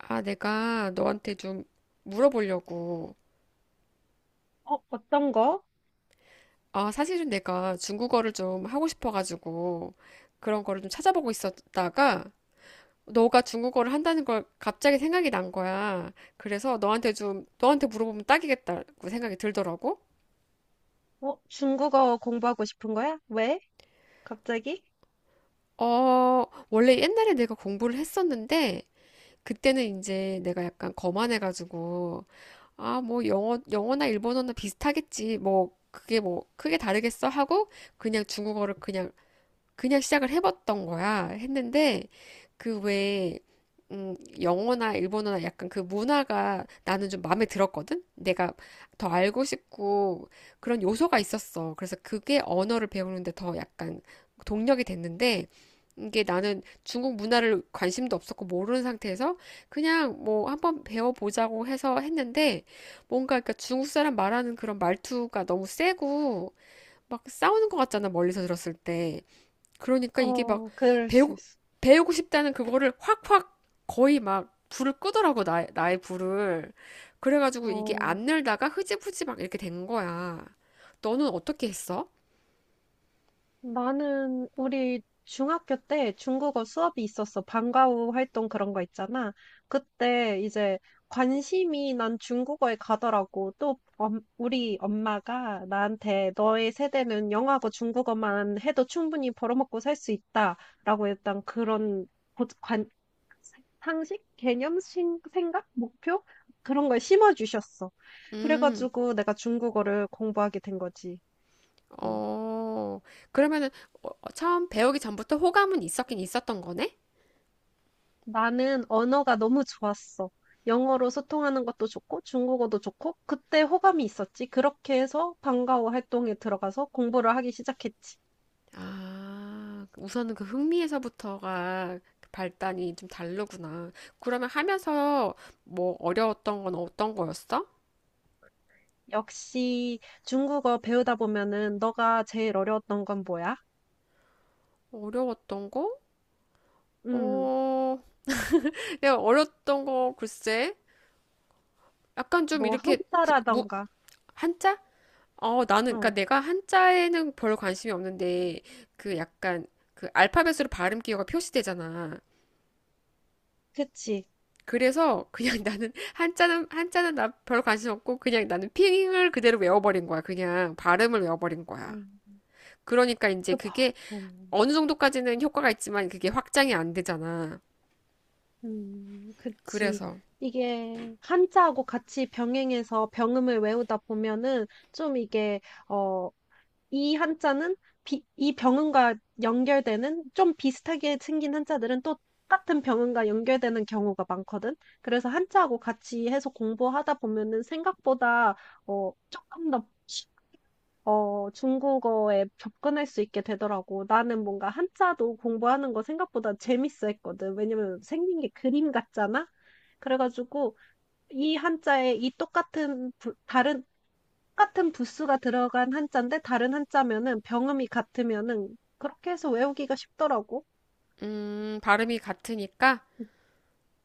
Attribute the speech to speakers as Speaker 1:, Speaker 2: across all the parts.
Speaker 1: 아, 내가 너한테 좀 물어보려고.
Speaker 2: 어, 어떤 거?
Speaker 1: 아, 사실은 내가 중국어를 좀 하고 싶어가지고 그런 거를 좀 찾아보고 있었다가 너가 중국어를 한다는 걸 갑자기 생각이 난 거야. 그래서 너한테 좀, 너한테 물어보면 딱이겠다고 생각이 들더라고.
Speaker 2: 어, 중국어 공부하고 싶은 거야? 왜? 갑자기?
Speaker 1: 어, 원래 옛날에 내가 공부를 했었는데 그때는 이제 내가 약간 거만해가지고 아, 뭐 영어나 일본어나 비슷하겠지. 뭐 그게 뭐 크게 다르겠어 하고 그냥 중국어를 그냥 그냥 시작을 해봤던 거야. 했는데 그 왜, 음, 영어나 일본어나 약간 그 문화가 나는 좀 마음에 들었거든? 내가 더 알고 싶고 그런 요소가 있었어. 그래서 그게 언어를 배우는데 더 약간 동력이 됐는데 이게 나는 중국 문화를 관심도 없었고 모르는 상태에서 그냥 뭐 한번 배워보자고 해서 했는데 뭔가 그러니까 중국 사람 말하는 그런 말투가 너무 세고 막 싸우는 것 같잖아. 멀리서 들었을 때. 그러니까 이게 막
Speaker 2: 어, 그럴 수
Speaker 1: 배우,
Speaker 2: 있어.
Speaker 1: 배우고 싶다는 그거를 확확 거의 막 불을 끄더라고, 나의 불을. 그래가지고 이게
Speaker 2: 어,
Speaker 1: 안 늘다가 흐지부지 막 이렇게 된 거야. 너는 어떻게 했어?
Speaker 2: 나는 우리 중학교 때 중국어 수업이 있었어. 방과후 활동 그런 거 있잖아. 그때 이제 관심이 난 중국어에 가더라고. 또 우리 엄마가 나한테 너의 세대는 영어하고 중국어만 해도 충분히 벌어먹고 살 수 있다라고 일단 그런 고- 관, 상식, 개념, 생각, 목표 그런 걸 심어주셨어.
Speaker 1: 음,
Speaker 2: 그래가지고 내가 중국어를 공부하게 된 거지. 음.
Speaker 1: 어, 그러면은 처음 배우기 전부터 호감은 있었긴 있었던 거네?
Speaker 2: 나는 언어가 너무 좋았어. 영어로 소통하는 것도 좋고 중국어도 좋고 그때 호감이 있었지. 그렇게 해서 방과후 활동에 들어가서 공부를 하기 시작했지.
Speaker 1: 아, 우선은 그 흥미에서부터가 발단이 좀 다르구나. 그러면 하면서 뭐 어려웠던 건 어떤 거였어?
Speaker 2: 역시 중국어 배우다 보면은 너가 제일 어려웠던 건 뭐야?
Speaker 1: 어려웠던 거?
Speaker 2: 음,
Speaker 1: 어, 내가 어렸던 거 글쎄, 약간 좀
Speaker 2: 뭐
Speaker 1: 이렇게 부- 무,
Speaker 2: 한자라던가.
Speaker 1: 한자? 어, 나는 그러니까
Speaker 2: 어,
Speaker 1: 내가 한자에는 별 관심이 없는데 그 약간 그 알파벳으로 발음 기호가 표시되잖아.
Speaker 2: 그치.
Speaker 1: 그래서 그냥 나는 한자는 나 별 관심 없고 그냥 나는 핑을 그대로 외워버린 거야. 그냥 발음을 외워버린 거야.
Speaker 2: 음,
Speaker 1: 그러니까 이제
Speaker 2: 그 봐.
Speaker 1: 그게
Speaker 2: 음.
Speaker 1: 어느 정도까지는 효과가 있지만 그게 확장이 안 되잖아.
Speaker 2: 그치.
Speaker 1: 그래서
Speaker 2: 이게 한자하고 같이 병행해서 병음을 외우다 보면은 좀 이게, 어, 이 한자는 이 병음과 연결되는 좀 비슷하게 생긴 한자들은 또 같은 병음과 연결되는 경우가 많거든. 그래서 한자하고 같이 해서 공부하다 보면은 생각보다, 어, 조금 더 어, 중국어에 접근할 수 있게 되더라고. 나는 뭔가 한자도 공부하는 거 생각보다 재밌어 했거든. 왜냐면 생긴 게 그림 같잖아? 그래가지고 이 한자에 이 똑같은, 똑같은 부수가 들어간 한자인데 다른 한자면은 병음이 같으면은 그렇게 해서 외우기가 쉽더라고.
Speaker 1: 발음이 같으니까.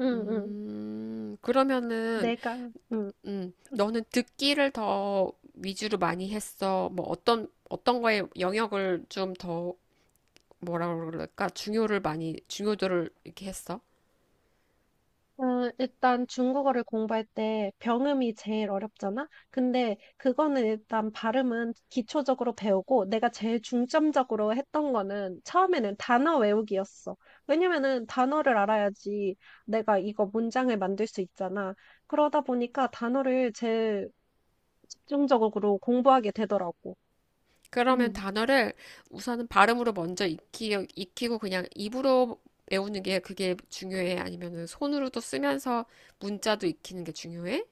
Speaker 2: 응, 응.
Speaker 1: 그러면은,
Speaker 2: 내가, 응.
Speaker 1: 너는 듣기를 더 위주로 많이 했어. 뭐 어떤 거에 영역을 좀 더, 뭐라 그럴까? 중요도를 이렇게 했어.
Speaker 2: 어, 일단 중국어를 공부할 때 병음이 제일 어렵잖아? 근데 그거는 일단 발음은 기초적으로 배우고 내가 제일 중점적으로 했던 거는 처음에는 단어 외우기였어. 왜냐면은 단어를 알아야지 내가 이거 문장을 만들 수 있잖아. 그러다 보니까 단어를 제일 집중적으로 공부하게 되더라고.
Speaker 1: 그러면 단어를 우선은 발음으로 먼저 익히고 그냥 입으로 외우는 게 그게 중요해? 아니면은 손으로도 쓰면서 문자도 익히는 게 중요해?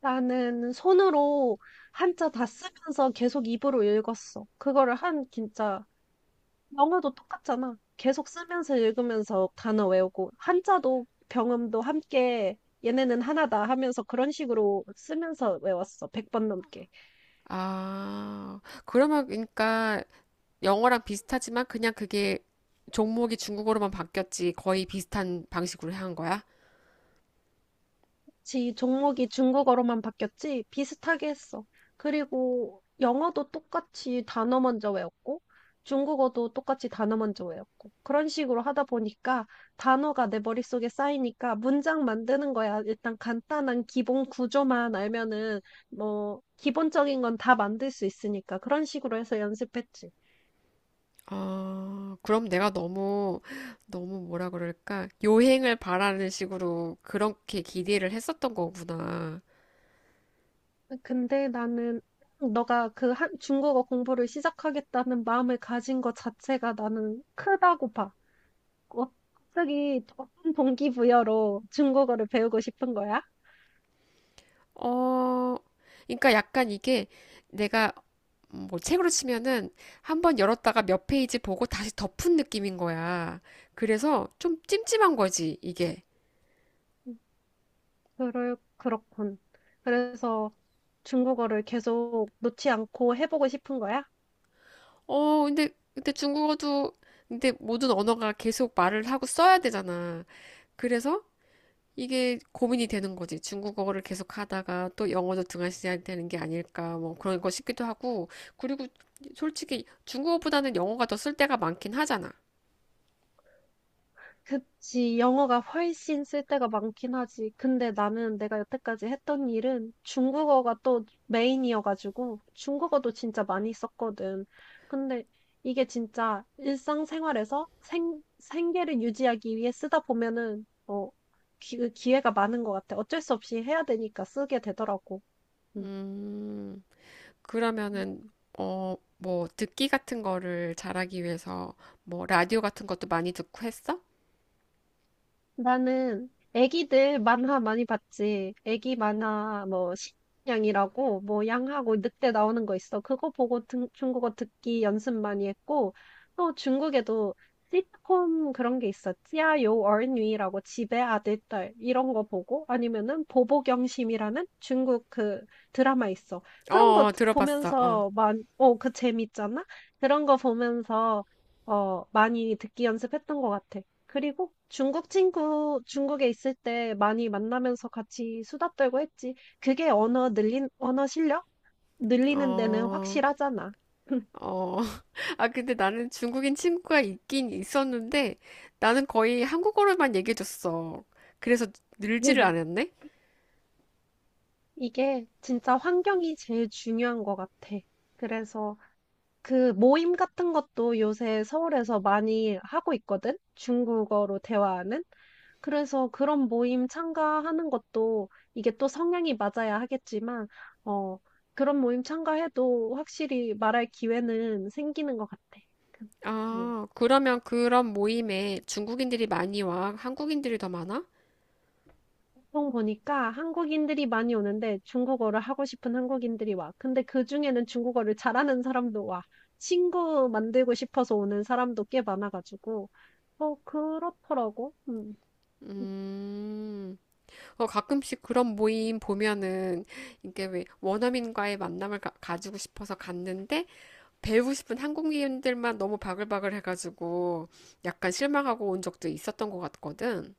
Speaker 2: 나는 손으로 한자 다 쓰면서 계속 입으로 읽었어. 그거를 한 진짜 영어도 똑같잖아. 계속 쓰면서 읽으면서 단어 외우고, 한자도 병음도 함께 얘네는 하나다 하면서 그런 식으로 쓰면서 외웠어. 100번 넘게.
Speaker 1: 아, 그러면 그러니까 영어랑 비슷하지만 그냥 그게 종목이 중국어로만 바뀌었지 거의 비슷한 방식으로 한 거야?
Speaker 2: 지 종목이 중국어로만 바뀌었지 비슷하게 했어. 그리고 영어도 똑같이 단어 먼저 외웠고 중국어도 똑같이 단어 먼저 외웠고 그런 식으로 하다 보니까 단어가 내 머릿속에 쌓이니까 문장 만드는 거야. 일단 간단한 기본 구조만 알면은 뭐 기본적인 건 다 만들 수 있으니까 그런 식으로 해서 연습했지.
Speaker 1: 아, 그럼 내가 너무, 너무 뭐라 그럴까? 요행을 바라는 식으로 그렇게 기대를 했었던 거구나.
Speaker 2: 근데 나는 너가 그 중국어 공부를 시작하겠다는 마음을 가진 것 자체가 나는 크다고 봐. 어, 갑자기 어떤 동기부여로 중국어를 배우고 싶은 거야?
Speaker 1: 어, 그러니까 약간 이게 내가 뭐 책으로 치면은 한번 열었다가 몇 페이지 보고 다시 덮은 느낌인 거야. 그래서 좀 찜찜한 거지, 이게.
Speaker 2: 음, 그렇군. 그래서 중국어를 계속 놓지 않고 해보고 싶은 거야?
Speaker 1: 근데 근데 모든 언어가 계속 말을 하고 써야 되잖아. 그래서 이게 고민이 되는 거지. 중국어를 계속 하다가 또 영어도 등한시해야 되는 게 아닐까, 뭐 그런 거 싶기도 하고. 그리고 솔직히 중국어보다는 영어가 더 쓸 때가 많긴 하잖아.
Speaker 2: 그치, 영어가 훨씬 쓸 때가 많긴 하지. 근데 나는 내가 여태까지 했던 일은 중국어가 또 메인이어가지고 중국어도 진짜 많이 썼거든. 근데 이게 진짜 일상생활에서 생계를 유지하기 위해 쓰다 보면은, 어, 그 기회가 많은 것 같아. 어쩔 수 없이 해야 되니까 쓰게 되더라고. 응.
Speaker 1: 음, 그러면은, 어, 뭐 듣기 같은 거를 잘하기 위해서 뭐 라디오 같은 것도 많이 듣고 했어?
Speaker 2: 나는 애기들 만화 많이 봤지. 애기 만화 뭐 신양이라고 뭐 양하고 늑대 나오는 거 있어. 그거 보고 중국어 듣기 연습 많이 했고 또 중국에도 시트콤 그런 게 있어. 찌아요 어린이라고 집에 아들 딸 이런 거 보고 아니면은 보보경심이라는 중국 그 드라마 있어. 그런
Speaker 1: 어,
Speaker 2: 거
Speaker 1: 어, 들어봤어. 어,
Speaker 2: 보면서 만어그 재밌잖아. 그런 거 보면서 어 많이 듣기 연습했던 것 같아. 그리고 중국 친구, 중국에 있을 때 많이 만나면서 같이 수다 떨고 했지. 그게 언어 실력? 늘리는 데는
Speaker 1: 어,
Speaker 2: 확실하잖아.
Speaker 1: 어, 아, 근데 나는 중국인 친구가 있긴 있었는데 나는 거의 한국어로만 얘기해줬어. 그래서 늘지를 않았네?
Speaker 2: 이게 진짜 환경이 제일 중요한 것 같아. 그래서 그 모임 같은 것도 요새 서울에서 많이 하고 있거든? 중국어로 대화하는? 그래서 그런 모임 참가하는 것도 이게 또 성향이 맞아야 하겠지만, 어, 그런 모임 참가해도 확실히 말할 기회는 생기는 것 같아. 그, 음.
Speaker 1: 아, 그러면 그런 모임에 중국인들이 많이 와? 한국인들이 더 많아?
Speaker 2: 보통 보니까 한국인들이 많이 오는데 중국어를 하고 싶은 한국인들이 와. 근데 그 중에는 중국어를 잘하는 사람도 와. 친구 만들고 싶어서 오는 사람도 꽤 많아가지고. 어, 그렇더라고. 음.
Speaker 1: 음, 어, 가끔씩 그런 모임 보면은 이게 왜 원어민과의 만남을 가지고 싶어서 갔는데 배우고 싶은 한국인들만 너무 바글바글 해가지고 약간 실망하고 온 적도 있었던 것 같거든.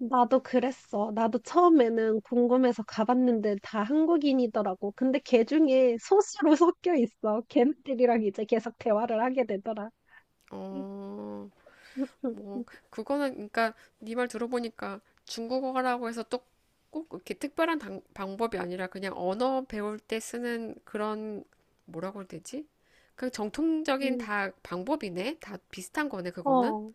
Speaker 2: 나도 그랬어. 나도 처음에는 궁금해서 가봤는데 다 한국인이더라고. 근데 걔 중에 소수로 섞여 있어. 걔네들이랑 이제 계속 대화를 하게 되더라.
Speaker 1: 어, 뭐 그거는 그러니까 네 말 들어보니까 중국어라고 해서 또 꼭 이렇게 특별한 방법이 아니라 그냥 언어 배울 때 쓰는 그런 뭐라고 해야 되지? 그냥 정통적인 다 방법이네. 다 비슷한 거네, 그거는.
Speaker 2: 어,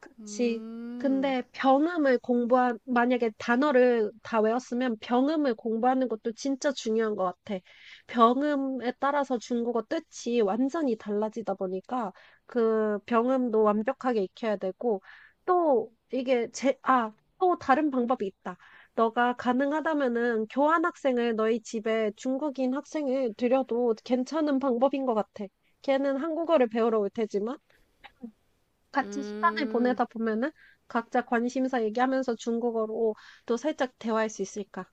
Speaker 2: 그치.
Speaker 1: 음.
Speaker 2: 근데 만약에 단어를 다 외웠으면 병음을 공부하는 것도 진짜 중요한 것 같아. 병음에 따라서 중국어 뜻이 완전히 달라지다 보니까 그 병음도 완벽하게 익혀야 되고 또 이게 또 다른 방법이 있다. 너가 가능하다면은 교환학생을 너희 집에 중국인 학생을 들여도 괜찮은 방법인 것 같아. 걔는 한국어를 배우러 올 테지만 같이 시간을
Speaker 1: 음.
Speaker 2: 보내다 보면은 각자 관심사 얘기하면서 중국어로 또 살짝 대화할 수 있을까?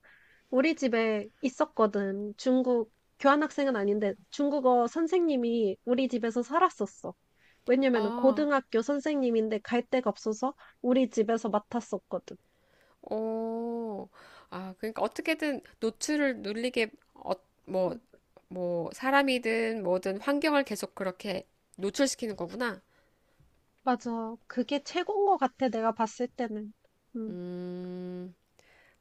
Speaker 2: 우리 집에 있었거든. 중국 교환학생은 아닌데 중국어 선생님이 우리 집에서 살았었어. 왜냐면은
Speaker 1: 아.
Speaker 2: 고등학교 선생님인데 갈 데가 없어서 우리 집에서 맡았었거든.
Speaker 1: 오. 아, 그러니까 어떻게든 노출을 눌리게 어, 뭐, 뭐 사람이든 뭐든 환경을 계속 그렇게 노출시키는 거구나.
Speaker 2: 맞아. 그게 최고인 것 같아. 내가 봤을 때는. 음,
Speaker 1: 음.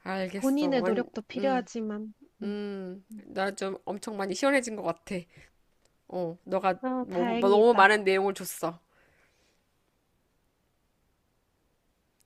Speaker 1: 알겠어.
Speaker 2: 본인의
Speaker 1: 완,
Speaker 2: 노력도
Speaker 1: 음,
Speaker 2: 필요하지만. 음. 음.
Speaker 1: 나 좀 엄청 많이 시원해진 것 같아. 어, 너가
Speaker 2: 어,
Speaker 1: 너무, 너무
Speaker 2: 다행이다.
Speaker 1: 많은 내용을 줬어.